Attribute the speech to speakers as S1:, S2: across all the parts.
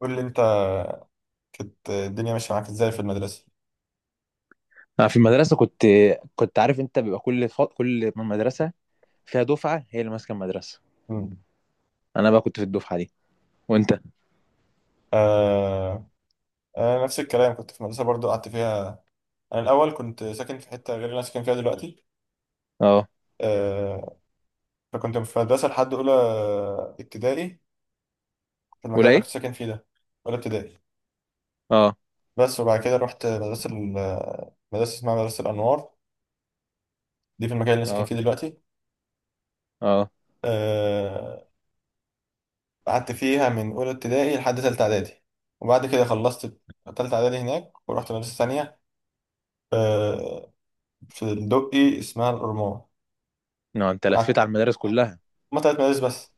S1: قول لي انت، كانت الدنيا ماشيه معاك ازاي في المدرسه؟
S2: انا في المدرسه كنت عارف انت بيبقى كل كل من مدرسه فيها دفعه هي اللي ماسكه المدرسه.
S1: امم.
S2: انا بقى كنت في الدفعه دي. وانت؟
S1: آه. آه نفس الكلام، كنت في مدرسه برضو قعدت فيها. انا الاول كنت ساكن في حته غير اللي انا ساكن فيها دلوقتي.
S2: اه
S1: آه. فكنت في مدرسه لحد اولى ابتدائي في المكان
S2: ولا
S1: اللي انا
S2: ايه.
S1: كنت ساكن فيه ده. اولى ابتدائي
S2: اه.
S1: بس، وبعد كده رحت مدرسه مدرسه اسمها مدرسه الانوار، دي في المكان اللي انا ساكن
S2: اه.
S1: فيه دلوقتي.
S2: اه.
S1: آه. قعدت فيها من اولى ابتدائي لحد ثالثه اعدادي، وبعد كده خلصت تالتة إعدادي هناك ورحت مدرسة تانية. آه، فندقي اسمها الأورمون.
S2: لا، انت لفيت
S1: قعدت،
S2: على المدارس كلها.
S1: هما تلات مدارس بس.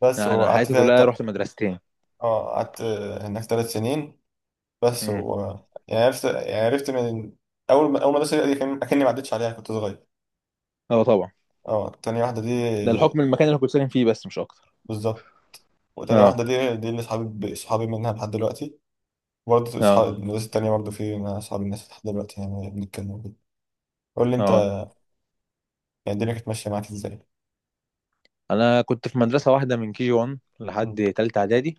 S1: بس
S2: لا، انا
S1: وقعدت
S2: حياتي
S1: فيها
S2: كلها رحت مدرستين.
S1: اه قعدت، هناك تلات سنين بس،
S2: امم.
S1: و يعني عرفت من أول، أول مدرسة دي كان أكني ما عدتش عليها، كنت صغير.
S2: اه طبعا.
S1: اه تاني واحدة دي،
S2: ده الحكم المكان اللي كنت ساكن فيه بس مش اكتر.
S1: بالظبط. وتاني
S2: اه.
S1: واحدة دي دي اللي صحابي منها لحد دلوقتي. وبرضه
S2: اه.
S1: أصحاب المدرسة التانية برضه في، أنا أصحاب الناس لحد دلوقتي يعني بنتكلم وكده. قول لي أنت
S2: اه.
S1: يعني، الدنيا كانت ماشية معاك إزاي؟
S2: انا كنت في مدرسه واحده من كي جي 1
S1: مم.
S2: لحد تالتة اعدادي.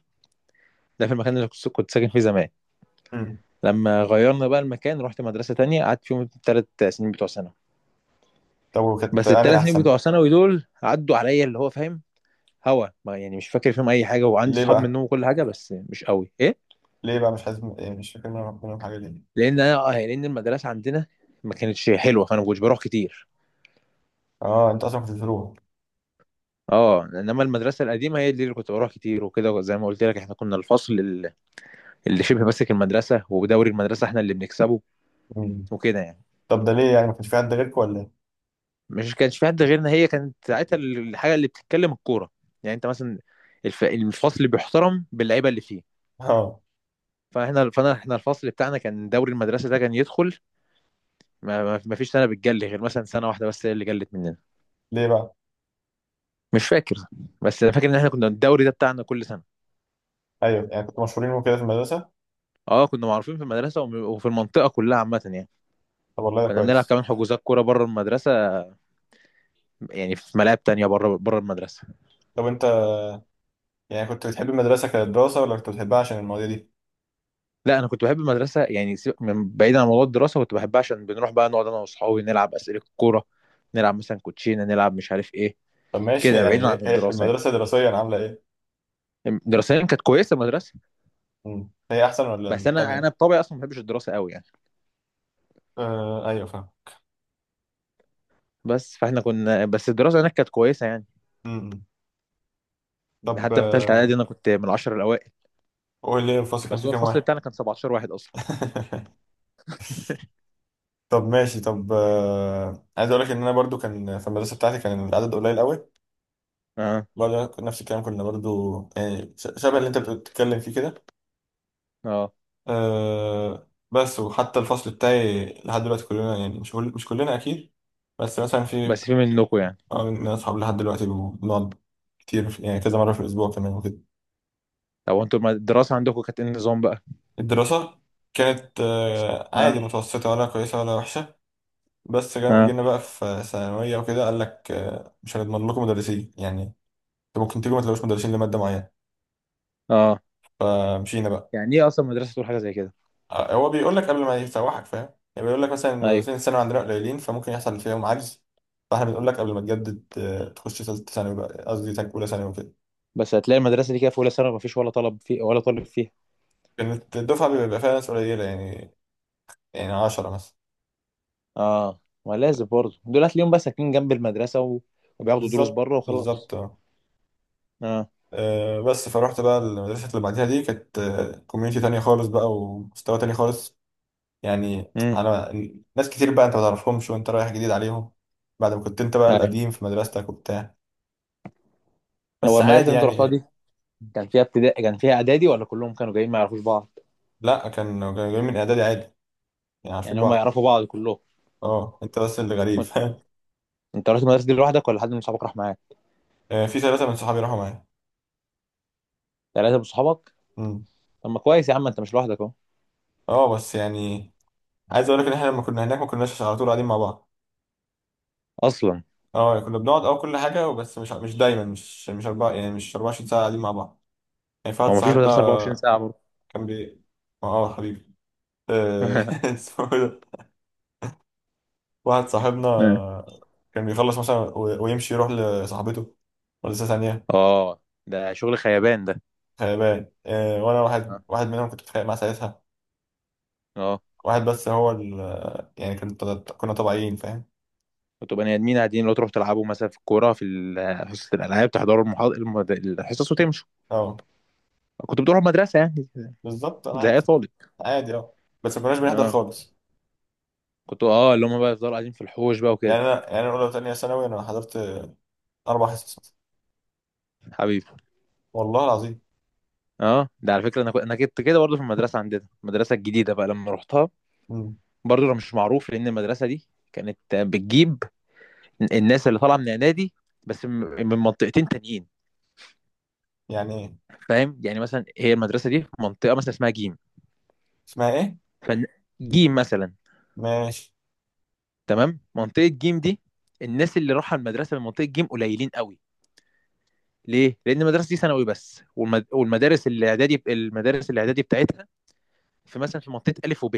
S2: ده في المكان اللي كنت ساكن فيه زمان.
S1: مم.
S2: لما غيرنا بقى المكان رحت مدرسه تانية قعدت فيهم الثلاث سنين بتوع ثانوي.
S1: طب وكانت
S2: بس
S1: أنهي
S2: الثلاث سنين
S1: أحسن؟
S2: بتوع ثانوي دول عدوا عليا اللي هو فاهم. هوا ما يعني مش فاكر فيهم اي حاجه وعندي
S1: ليه
S2: اصحاب
S1: بقى؟
S2: منهم وكل حاجه بس مش قوي ايه.
S1: ليه بقى مش عايز، يعني مش فاكر منهم، حاجة ليه؟
S2: لان انا يعني لان المدرسه عندنا ما كانتش حلوه فانا ما كنتش بروح كتير.
S1: اه انت اصلا كنت بتروح.
S2: اه انما المدرسه القديمه هي دي اللي كنت بروح كتير وكده. زي ما قلت لك احنا كنا اللي شبه ماسك المدرسه ودوري المدرسه احنا اللي بنكسبه
S1: مم.
S2: وكده يعني.
S1: طب ده ليه، يعني ما كانش في حد غيرك ولا ايه؟
S2: مش كانش في حد غيرنا. هي كانت ساعتها الحاجه اللي بتتكلم الكوره. يعني انت مثلا الفصل بيحترم باللعيبه اللي فيه.
S1: اه.
S2: فاحنا فانا احنا الفصل بتاعنا كان دوري المدرسه ده كان يدخل. ما فيش سنه بتجلي غير مثلا سنه واحده بس هي اللي جلت مننا.
S1: ليه بقى؟
S2: مش فاكر. بس انا فاكر ان احنا كنا الدوري ده بتاعنا كل سنه.
S1: ايوه، يعني كنتوا مشهورين وكده في المدرسه؟
S2: اه كنا معروفين في المدرسه وفي المنطقه كلها عامه يعني.
S1: طب والله ده
S2: كنا بنلعب
S1: كويس.
S2: كمان حجوزات كوره بره المدرسه. يعني في ملاعب تانية بره المدرسه.
S1: طب انت يعني كنت بتحب المدرسه كدراسه، ولا كنت بتحبها عشان المواضيع دي؟
S2: لا انا كنت بحب المدرسه. يعني سيبك من بعيد عن موضوع الدراسه كنت بحبها عشان بنروح بقى نقعد انا واصحابي نلعب اسئله الكوره. نلعب مثلا كوتشينه نلعب مش عارف ايه
S1: طب ماشي،
S2: كده
S1: يعني
S2: بعيد عن
S1: إيه
S2: الدراسه.
S1: المدرسه دراسيا عامله ايه؟
S2: يعني دراسيا كانت كويسه المدرسه.
S1: مم. هي احسن ولا
S2: بس انا
S1: التانيه؟
S2: انا بطبعي اصلا ما بحبش الدراسه قوي يعني.
S1: آه ايوه فاهم.
S2: بس فاحنا كنا بس الدراسه هناك كانت كويسه يعني.
S1: مم. طب
S2: حتى في ثالثه
S1: آه،
S2: اعدادي انا كنت من العشر الاوائل.
S1: قول لي الفصل كان
S2: بس
S1: فيه
S2: هو
S1: كام
S2: الفصل
S1: واحد؟
S2: بتاعنا كان 17 واحد اصلا.
S1: طب ماشي، طب آه، عايز اقول لك ان انا برضو كان في المدرسه بتاعتي كان العدد قليل قوي.
S2: اه.
S1: برضه نفس الكلام، كنا برضه يعني شبه اللي انت بتتكلم فيه كده.
S2: اه.
S1: أه بس، وحتى الفصل بتاعي لحد دلوقتي كلنا، يعني مش كلنا اكيد، بس مثلا في،
S2: بس في منكم يعني.
S1: آه، من اصحاب لحد دلوقتي بنقعد كتير يعني كذا مره في الاسبوع كمان وكده.
S2: طب انتوا الدراسه عندكم كانت ايه النظام بقى.
S1: الدراسه كانت أه عادي،
S2: اه.
S1: متوسطه ولا كويسه ولا وحشه. بس
S2: اه.
S1: جينا بقى في ثانويه وكده قال لك أه مش هنضمن لكم مدرسين يعني، انتوا ممكن تيجوا ما تلاقوش مدرسين لماده معينه،
S2: اه.
S1: فمشينا بقى.
S2: يعني ايه اصلا مدرسه تقول حاجه زي كده.
S1: آه، هو بيقول لك قبل ما يسوحك فاهم، يعني بيقول لك مثلا
S2: ايوه
S1: المدرسين الثانوي عندنا قليلين فممكن يحصل فيهم عجز، فاحنا بنقول لك قبل ما تجدد آه، تخش ثالثه ثانوي بقى، قصدي اولى ثانوي وكده.
S2: بس هتلاقي المدرسه دي كده في اولى ثانوي ما فيش ولا طلب فيه ولا طالب فيها.
S1: كانت الدفعه بيبقى فيها ناس قليله يعني، يعني 10 مثلا.
S2: اه ما لازم برضه دول هتلاقيهم بقى ساكنين جنب المدرسه وبياخدوا دروس
S1: بالظبط
S2: بره وخلاص.
S1: بالظبط اه.
S2: اه.
S1: آه، بس فروحت بقى المدرسه اللي بعدها دي، كانت كوميونتي تانية خالص بقى ومستوى تاني خالص. يعني
S2: امم.
S1: انا، ناس كتير بقى انت ما تعرفهمش وانت رايح جديد عليهم، بعد ما كنت انت بقى
S2: ايوه
S1: القديم في مدرستك وبتاع.
S2: هو
S1: بس
S2: المدرسه
S1: عادي
S2: اللي انت رحتها
S1: يعني.
S2: دي كان فيها ابتدائي كان فيها اعدادي ولا كلهم كانوا جايين ما يعرفوش بعض؟
S1: لا كان، كانوا جايين من اعدادي عادي يعني، عارفين
S2: يعني هم
S1: بعض.
S2: يعرفوا بعض كلهم.
S1: اه انت بس اللي غريب فاهم.
S2: انت رحت المدرسه دي لوحدك ولا حد من صحابك راح معاك؟
S1: آه، في ثلاثة من صحابي راحوا معايا.
S2: ثلاثه من صحابك.
S1: امم.
S2: طب ما كويس يا عم انت مش لوحدك اهو.
S1: اه بس يعني، عايز اقول لك ان احنا لما كنا هناك ما كناش على طول قاعدين مع بعض.
S2: اصلا
S1: اه يعني كنا بنقعد اه كل حاجة، بس مش دايما، مش اربع، يعني مش 24 ساعة قاعدين مع بعض. يعني في
S2: هو
S1: واحد
S2: ما فيش
S1: صاحبنا
S2: مدرسه 24 ساعه برضه.
S1: كان اه آه، حبيبي، آه، اسمه إيه ده، واحد صاحبنا كان بيخلص مثلا ويمشي يروح لصاحبته ولسه ثانية.
S2: اه ده شغل خيبان ده.
S1: خيبان. آه، وانا واحد
S2: اه.
S1: واحد منهم كنت بتخانق معاه ساعتها.
S2: اه.
S1: واحد بس، هو ال يعني كنت، كنا طبيعيين فاهم.
S2: وتبقى بني ادمين قاعدين لو تروح تلعبوا مثلا في الكوره في حصه الالعاب تحضروا الحصص وتمشوا.
S1: اه
S2: كنت بتروح المدرسه يعني
S1: بالظبط، انا
S2: زي اي
S1: عادي.
S2: طالب.
S1: عادي اه، بس ما كناش بنحضر
S2: اه
S1: خالص.
S2: كنت اه اللي هم بقى يفضلوا قاعدين في الحوش بقى
S1: يعني
S2: وكده.
S1: انا يعني انا اولى وثانيه ثانوي انا حضرت اربع حصص مثلاً.
S2: حبيبي.
S1: والله العظيم.
S2: اه ده على فكره انا انا كنت كده برضه في المدرسه عندنا المدرسه الجديده بقى لما رحتها.
S1: امم.
S2: برضه انا مش معروف لان المدرسه دي كانت بتجيب الناس اللي طالعه من اعدادي بس من منطقتين تانيين.
S1: يعني ايه؟
S2: فاهم يعني مثلا هي المدرسه دي في منطقه مثلا اسمها جيم.
S1: اسمها ايه؟
S2: فجيم مثلا.
S1: ماشي.
S2: تمام منطقه جيم دي الناس اللي راحوا المدرسه من منطقه جيم قليلين قوي. ليه؟ لان المدرسه دي ثانوي بس والمدارس الاعدادي بتاعتها في مثلا في منطقه الف وب.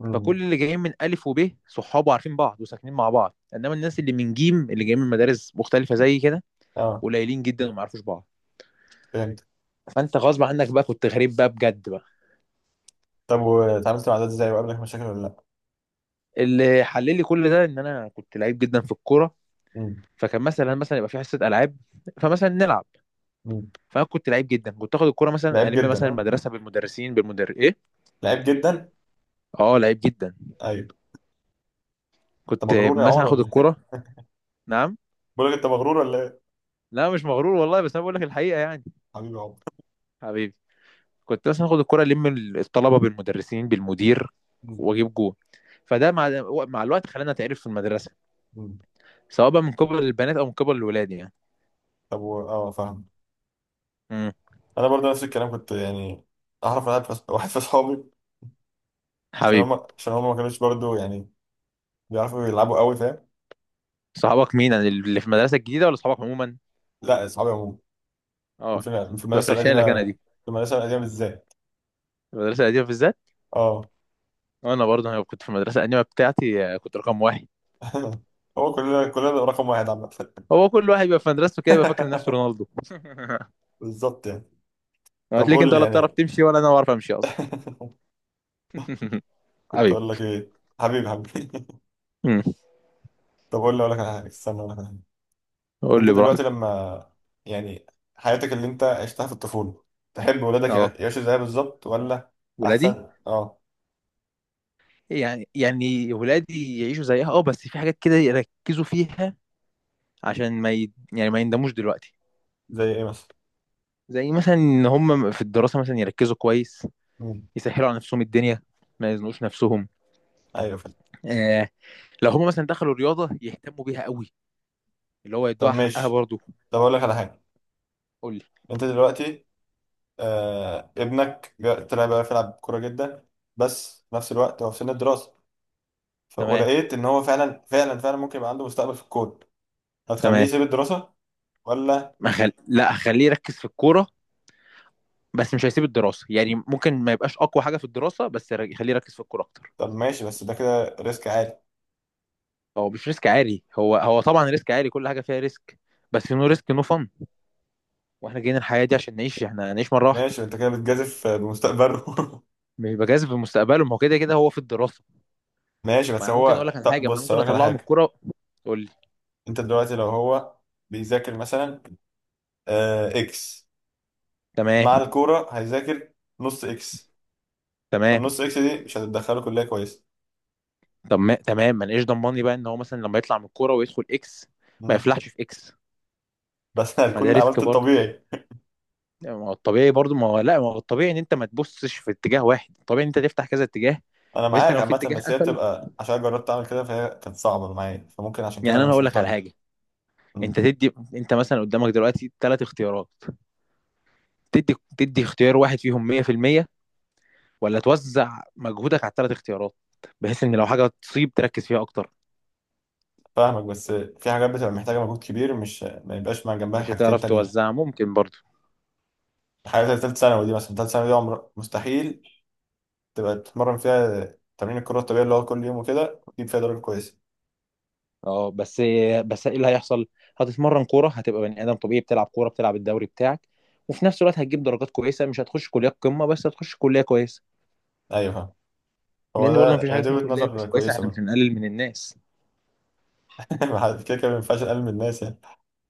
S1: امم.
S2: فكل اللي جايين من ألف وب صحابه عارفين بعض وساكنين مع بعض. إنما الناس اللي من جيم اللي جايين من مدارس مختلفة زي كده
S1: اه
S2: قليلين جدا وما يعرفوش بعض.
S1: فهمت.
S2: فأنت غصب عنك بقى كنت غريب بقى بجد بقى.
S1: طب واتعاملت مع ده ازاي، وقابلك مشاكل ولا لا؟
S2: اللي حللي كل ده إن أنا كنت لعيب جدا في الكورة.
S1: امم.
S2: فكان مثلا يبقى في حصة ألعاب فمثلا نلعب.
S1: امم.
S2: فأنا كنت لعيب جدا كنت آخد الكورة مثلا
S1: لعيب
S2: ألم
S1: جدا
S2: مثلا
S1: اه.
S2: المدرسة بالمدرسين إيه.
S1: لعيب جدا.
S2: أه لعيب جدا.
S1: ايوه. انت
S2: كنت
S1: مغرور يا
S2: مثلا
S1: عمر
S2: آخد
S1: ولا ايه؟
S2: الكورة. نعم.
S1: بقول لك انت مغرور ولا ايه؟
S2: لا مش مغرور والله بس أنا بقول لك الحقيقة يعني.
S1: حبيبي يا عمر.
S2: حبيبي. كنت مثلا اخد الكرة الطلبة بالمدرسين بالمدير
S1: امم.
S2: واجيب جول. فده مع الوقت خلانا اتعرف في المدرسة.
S1: امم.
S2: سواء بقى من قبل البنات او من قبل الولاد يعني.
S1: اه فاهم.
S2: امم.
S1: انا برضه نفس الكلام كنت يعني، اعرف واحد، في اصحابي، عشان
S2: حبيبي.
S1: هم ما كانوش برضه يعني بيعرفوا يلعبوا قوي فاهم.
S2: صحابك مين يعني اللي في المدرسة الجديدة ولا صحابك عموما؟
S1: لا اصحابي عموما،
S2: اه
S1: وفي، في المدرسه
S2: بفرشها لك
S1: القديمه،
S2: انا دي.
S1: في المدرسه القديمه بالذات.
S2: المدرسة القديمة بالذات.
S1: اه.
S2: وانا برضه كنت في المدرسة القديمة بتاعتي كنت رقم واحد.
S1: هو كلنا رقم واحد عامه.
S2: هو كل واحد بيبقى في مدرسته كده يبقى فاكر نفسه رونالدو.
S1: بالظبط يعني. طب
S2: هتلاقيك
S1: قول
S2: انت
S1: لي
S2: ولا بتعرف
S1: يعني،
S2: تمشي ولا انا بعرف امشي اصلا.
S1: كنت
S2: حبيبي.
S1: اقول لك ايه. حبيبي، حبيبي.
S2: امم.
S1: طب قول لي، اقول لك على حاجه، استنى اقول لك على حاجه.
S2: قول
S1: انت
S2: لي
S1: دلوقتي
S2: براحتك.
S1: لما، يعني حياتك اللي انت عشتها في الطفوله، تحب ولادك
S2: اه
S1: يعيشوا زيها بالظبط، ولا
S2: ولادي.
S1: احسن اه؟
S2: يعني ولادي يعيشوا زيها اه بس في حاجات كده يركزوا فيها عشان ما ي... يعني ما يندموش دلوقتي.
S1: زي ايه مثلا؟
S2: زي مثلا ان هم في الدراسه مثلا يركزوا كويس.
S1: مم.
S2: يسهلوا على نفسهم الدنيا ما يزنقوش نفسهم.
S1: ايوه فاهم.
S2: آه لو هم مثلا دخلوا رياضه يهتموا بيها قوي اللي هو
S1: طب
S2: يدوها حقها
S1: ماشي،
S2: برضه.
S1: طب اقول لك على حاجه،
S2: قول لي.
S1: انت دلوقتي آه، طلع بقى يلعب كوره جدا، بس في نفس الوقت هو في سن الدراسه،
S2: تمام.
S1: ولقيت ان هو فعلا ممكن يبقى عنده مستقبل في الكون، هتخليه
S2: تمام.
S1: يسيب الدراسه ولا؟
S2: ما خل... لا خليه يركز في الكوره. بس مش هيسيب الدراسه يعني ممكن ما يبقاش اقوى حاجه في الدراسه بس خليه يركز في الكوره اكتر.
S1: طب ماشي، بس ده كده ريسك عالي.
S2: هو مش ريسك عالي. هو طبعا ريسك عالي. كل حاجه فيها ريسك. بس نو ريسك نو فن. واحنا جايين الحياه دي عشان نعيش. احنا هنعيش مره واحده.
S1: ماشي انت كده بتجازف بمستقبله.
S2: مش بجاذب مستقبله ما هو كده كده هو في الدراسه.
S1: ماشي،
S2: ما
S1: بس
S2: انا ممكن اقول
S1: هو
S2: لك على
S1: طب
S2: حاجه. ما انا
S1: بص
S2: ممكن
S1: اقول لك على
S2: اطلعه من
S1: حاجه،
S2: الكوره. تقول لي.
S1: انت دلوقتي لو هو بيذاكر مثلا آه اكس، مع
S2: تمام.
S1: الكوره هيذاكر نص اكس. طب
S2: تمام.
S1: نص اكس دي مش هتدخله كلية كويسة.
S2: طب ما تمام ما انا ايش ضمني بقى ان هو مثلا لما يطلع من الكوره ويدخل اكس ما
S1: مم.
S2: يفلحش في اكس.
S1: بس
S2: ما ده
S1: هتكون
S2: ريسك
S1: عملت
S2: برضه.
S1: الطبيعي.
S2: يعني ما هو الطبيعي برضه. ما هو لا. ما هو الطبيعي ان انت ما تبصش في اتجاه واحد. الطبيعي ان انت تفتح كذا اتجاه.
S1: انا
S2: بس
S1: معاك
S2: لو في
S1: عامة،
S2: اتجاه
S1: بس هي
S2: قفل.
S1: بتبقى عشان جربت اعمل كده فهي كانت صعبة معايا، فممكن عشان
S2: يعني
S1: كده انا
S2: انا
S1: مش
S2: هقول لك على
S1: مقتنع.
S2: حاجه.
S1: مم.
S2: انت تدي انت مثلا قدامك دلوقتي ثلاث اختيارات. تدي اختيار واحد فيهم 100% ولا توزع مجهودك على الثلاث اختيارات بحيث ان لو حاجه تصيب تركز فيها اكتر.
S1: فاهمك، بس في حاجات بتبقى محتاجة مجهود كبير، مش ما يبقاش مع جنبها
S2: مش
S1: حاجتين
S2: هتعرف
S1: تانيين.
S2: توزعها ممكن برضه.
S1: الحاجة بتاعت تالت ثانوي دي مثلا، تالت ثانوي دي عمر مستحيل تبقى تتمرن فيها تمرين الكرة الطبيعية اللي هو كل يوم وكده، وتجيب فيها درجة كويسة.
S2: اه بس ايه اللي هيحصل. هتتمرن كوره. هتبقى بني ادم طبيعي بتلعب كوره بتلعب الدوري بتاعك وفي نفس الوقت هتجيب درجات كويسه. مش هتخش كليات قمه بس هتخش كليه كويسه.
S1: ايوه فاهم. هو
S2: لان برضه
S1: ده
S2: مفيش حاجه
S1: هي دي
S2: اسمها
S1: وجهة
S2: كليه مش
S1: نظر
S2: كويسه.
S1: كويسة
S2: احنا مش
S1: برضه.
S2: هنقلل من الناس.
S1: ما حد- كده كده ما ينفعش اقلل من الناس يعني.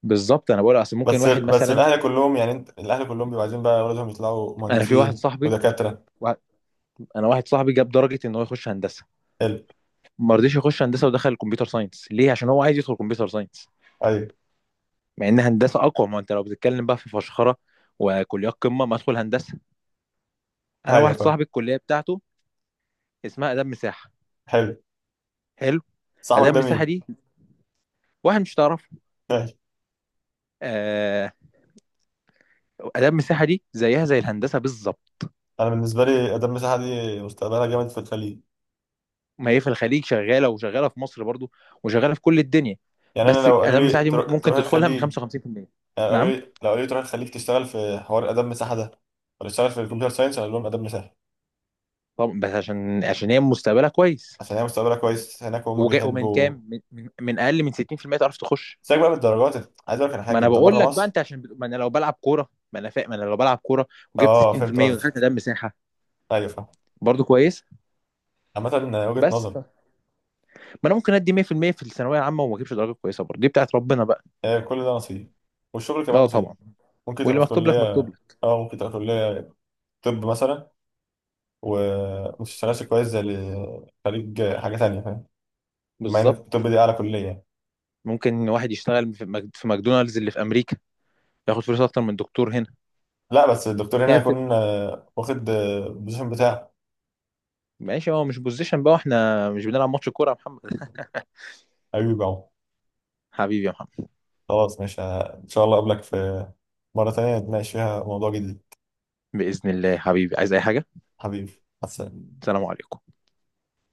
S2: بالظبط انا بقول اصل ممكن
S1: بس
S2: واحد
S1: بس
S2: مثلا.
S1: الاهل كلهم يعني، انت الاهل كلهم بيبقوا عايزين بقى اولادهم يطلعوا
S2: انا في واحد
S1: مهندسين
S2: صاحبي
S1: ودكاتره.
S2: وا- انا واحد صاحبي جاب درجه ان هو يخش هندسه.
S1: حلو.
S2: ما رضيش يخش هندسه ودخل الكمبيوتر ساينس. ليه؟ عشان هو عايز يدخل كمبيوتر ساينس.
S1: ايوه.
S2: مع ان هندسه اقوى. ما انت لو بتتكلم بقى في فشخره وكليات قمه ما ادخل هندسه. انا
S1: ايوه
S2: واحد
S1: فاهم.
S2: صاحبي الكليه بتاعته اسمها اداب مساحه.
S1: حلو.
S2: حلو.
S1: صاحبك
S2: اداب
S1: ده
S2: مساحه
S1: مين؟
S2: دي واحد مش تعرفه.
S1: ماشي.
S2: آه. اداب مساحه دي زيها زي الهندسه بالظبط.
S1: انا بالنسبه لي ادم مساحه دي مستقبلها جامد في الخليج.
S2: ما هي في الخليج شغاله وشغاله في مصر برضو وشغاله في كل الدنيا.
S1: يعني انا
S2: بس
S1: لو قالوا
S2: اداب
S1: لي
S2: مساحه دي ممكن
S1: تروح
S2: تدخلها من
S1: الخليج،
S2: 55%.
S1: يعني قالوا
S2: نعم.
S1: لي، لو قالوا لي تروح الخليج تشتغل في حوار ادم مساحه ده، ولا تشتغل في الكمبيوتر ساينس، اقول لهم ادم مساحه.
S2: طب بس عشان هي مستقبلها كويس.
S1: عشان هي مستقبلها كويس هناك وهم
S2: وجا ومن
S1: بيحبوا.
S2: كام من اقل من 60% تعرف تخش.
S1: سيبك بقى من الدرجات، عايز اقول لك على
S2: ما
S1: حاجه،
S2: انا
S1: انت
S2: بقول
S1: بره
S2: لك بقى
S1: مصر.
S2: انت عشان ما انا لو بلعب كوره. ما انا فاهم. ما انا لو بلعب كوره وجبت
S1: اه فهمت
S2: 60% ودخلت
S1: قصدك.
S2: ده مساحه
S1: ايوه فاهم.
S2: برضو كويس.
S1: عامه، وجهه
S2: بس
S1: نظر.
S2: ما انا ممكن ادي 100% في المية في الثانويه العامه وما اجيبش درجه كويسه برضو. دي بتاعت ربنا بقى.
S1: آه، كل ده نصيب، والشغل كمان
S2: لا
S1: نصيب.
S2: طبعا.
S1: ممكن
S2: واللي
S1: تبقى في
S2: مكتوب لك مكتوب
S1: كلية،
S2: لك.
S1: أو ممكن تبقى في كلية، طب مثلا، وما تشتغلش كويس زي اللي خريج حاجة تانية فاهم. مع إن
S2: بالظبط.
S1: الطب دي أعلى كلية يعني.
S2: ممكن واحد يشتغل في في ماكدونالدز اللي في امريكا ياخد فلوس اكتر من دكتور هنا.
S1: لا بس الدكتور هنا
S2: هي بتبقى.
S1: هيكون آه، واخد آه، البوزيشن بتاعه.
S2: ماشي هو مش بوزيشن بقى. واحنا مش بنلعب ماتش كوره يا محمد.
S1: أيوة أهو.
S2: حبيبي يا محمد.
S1: خلاص ماشي، آه، إن شاء الله أقابلك في مرة تانية نتناقش فيها موضوع جديد.
S2: باذن الله حبيبي عايز اي حاجه.
S1: حبيبي. مع السلامة.
S2: السلام عليكم.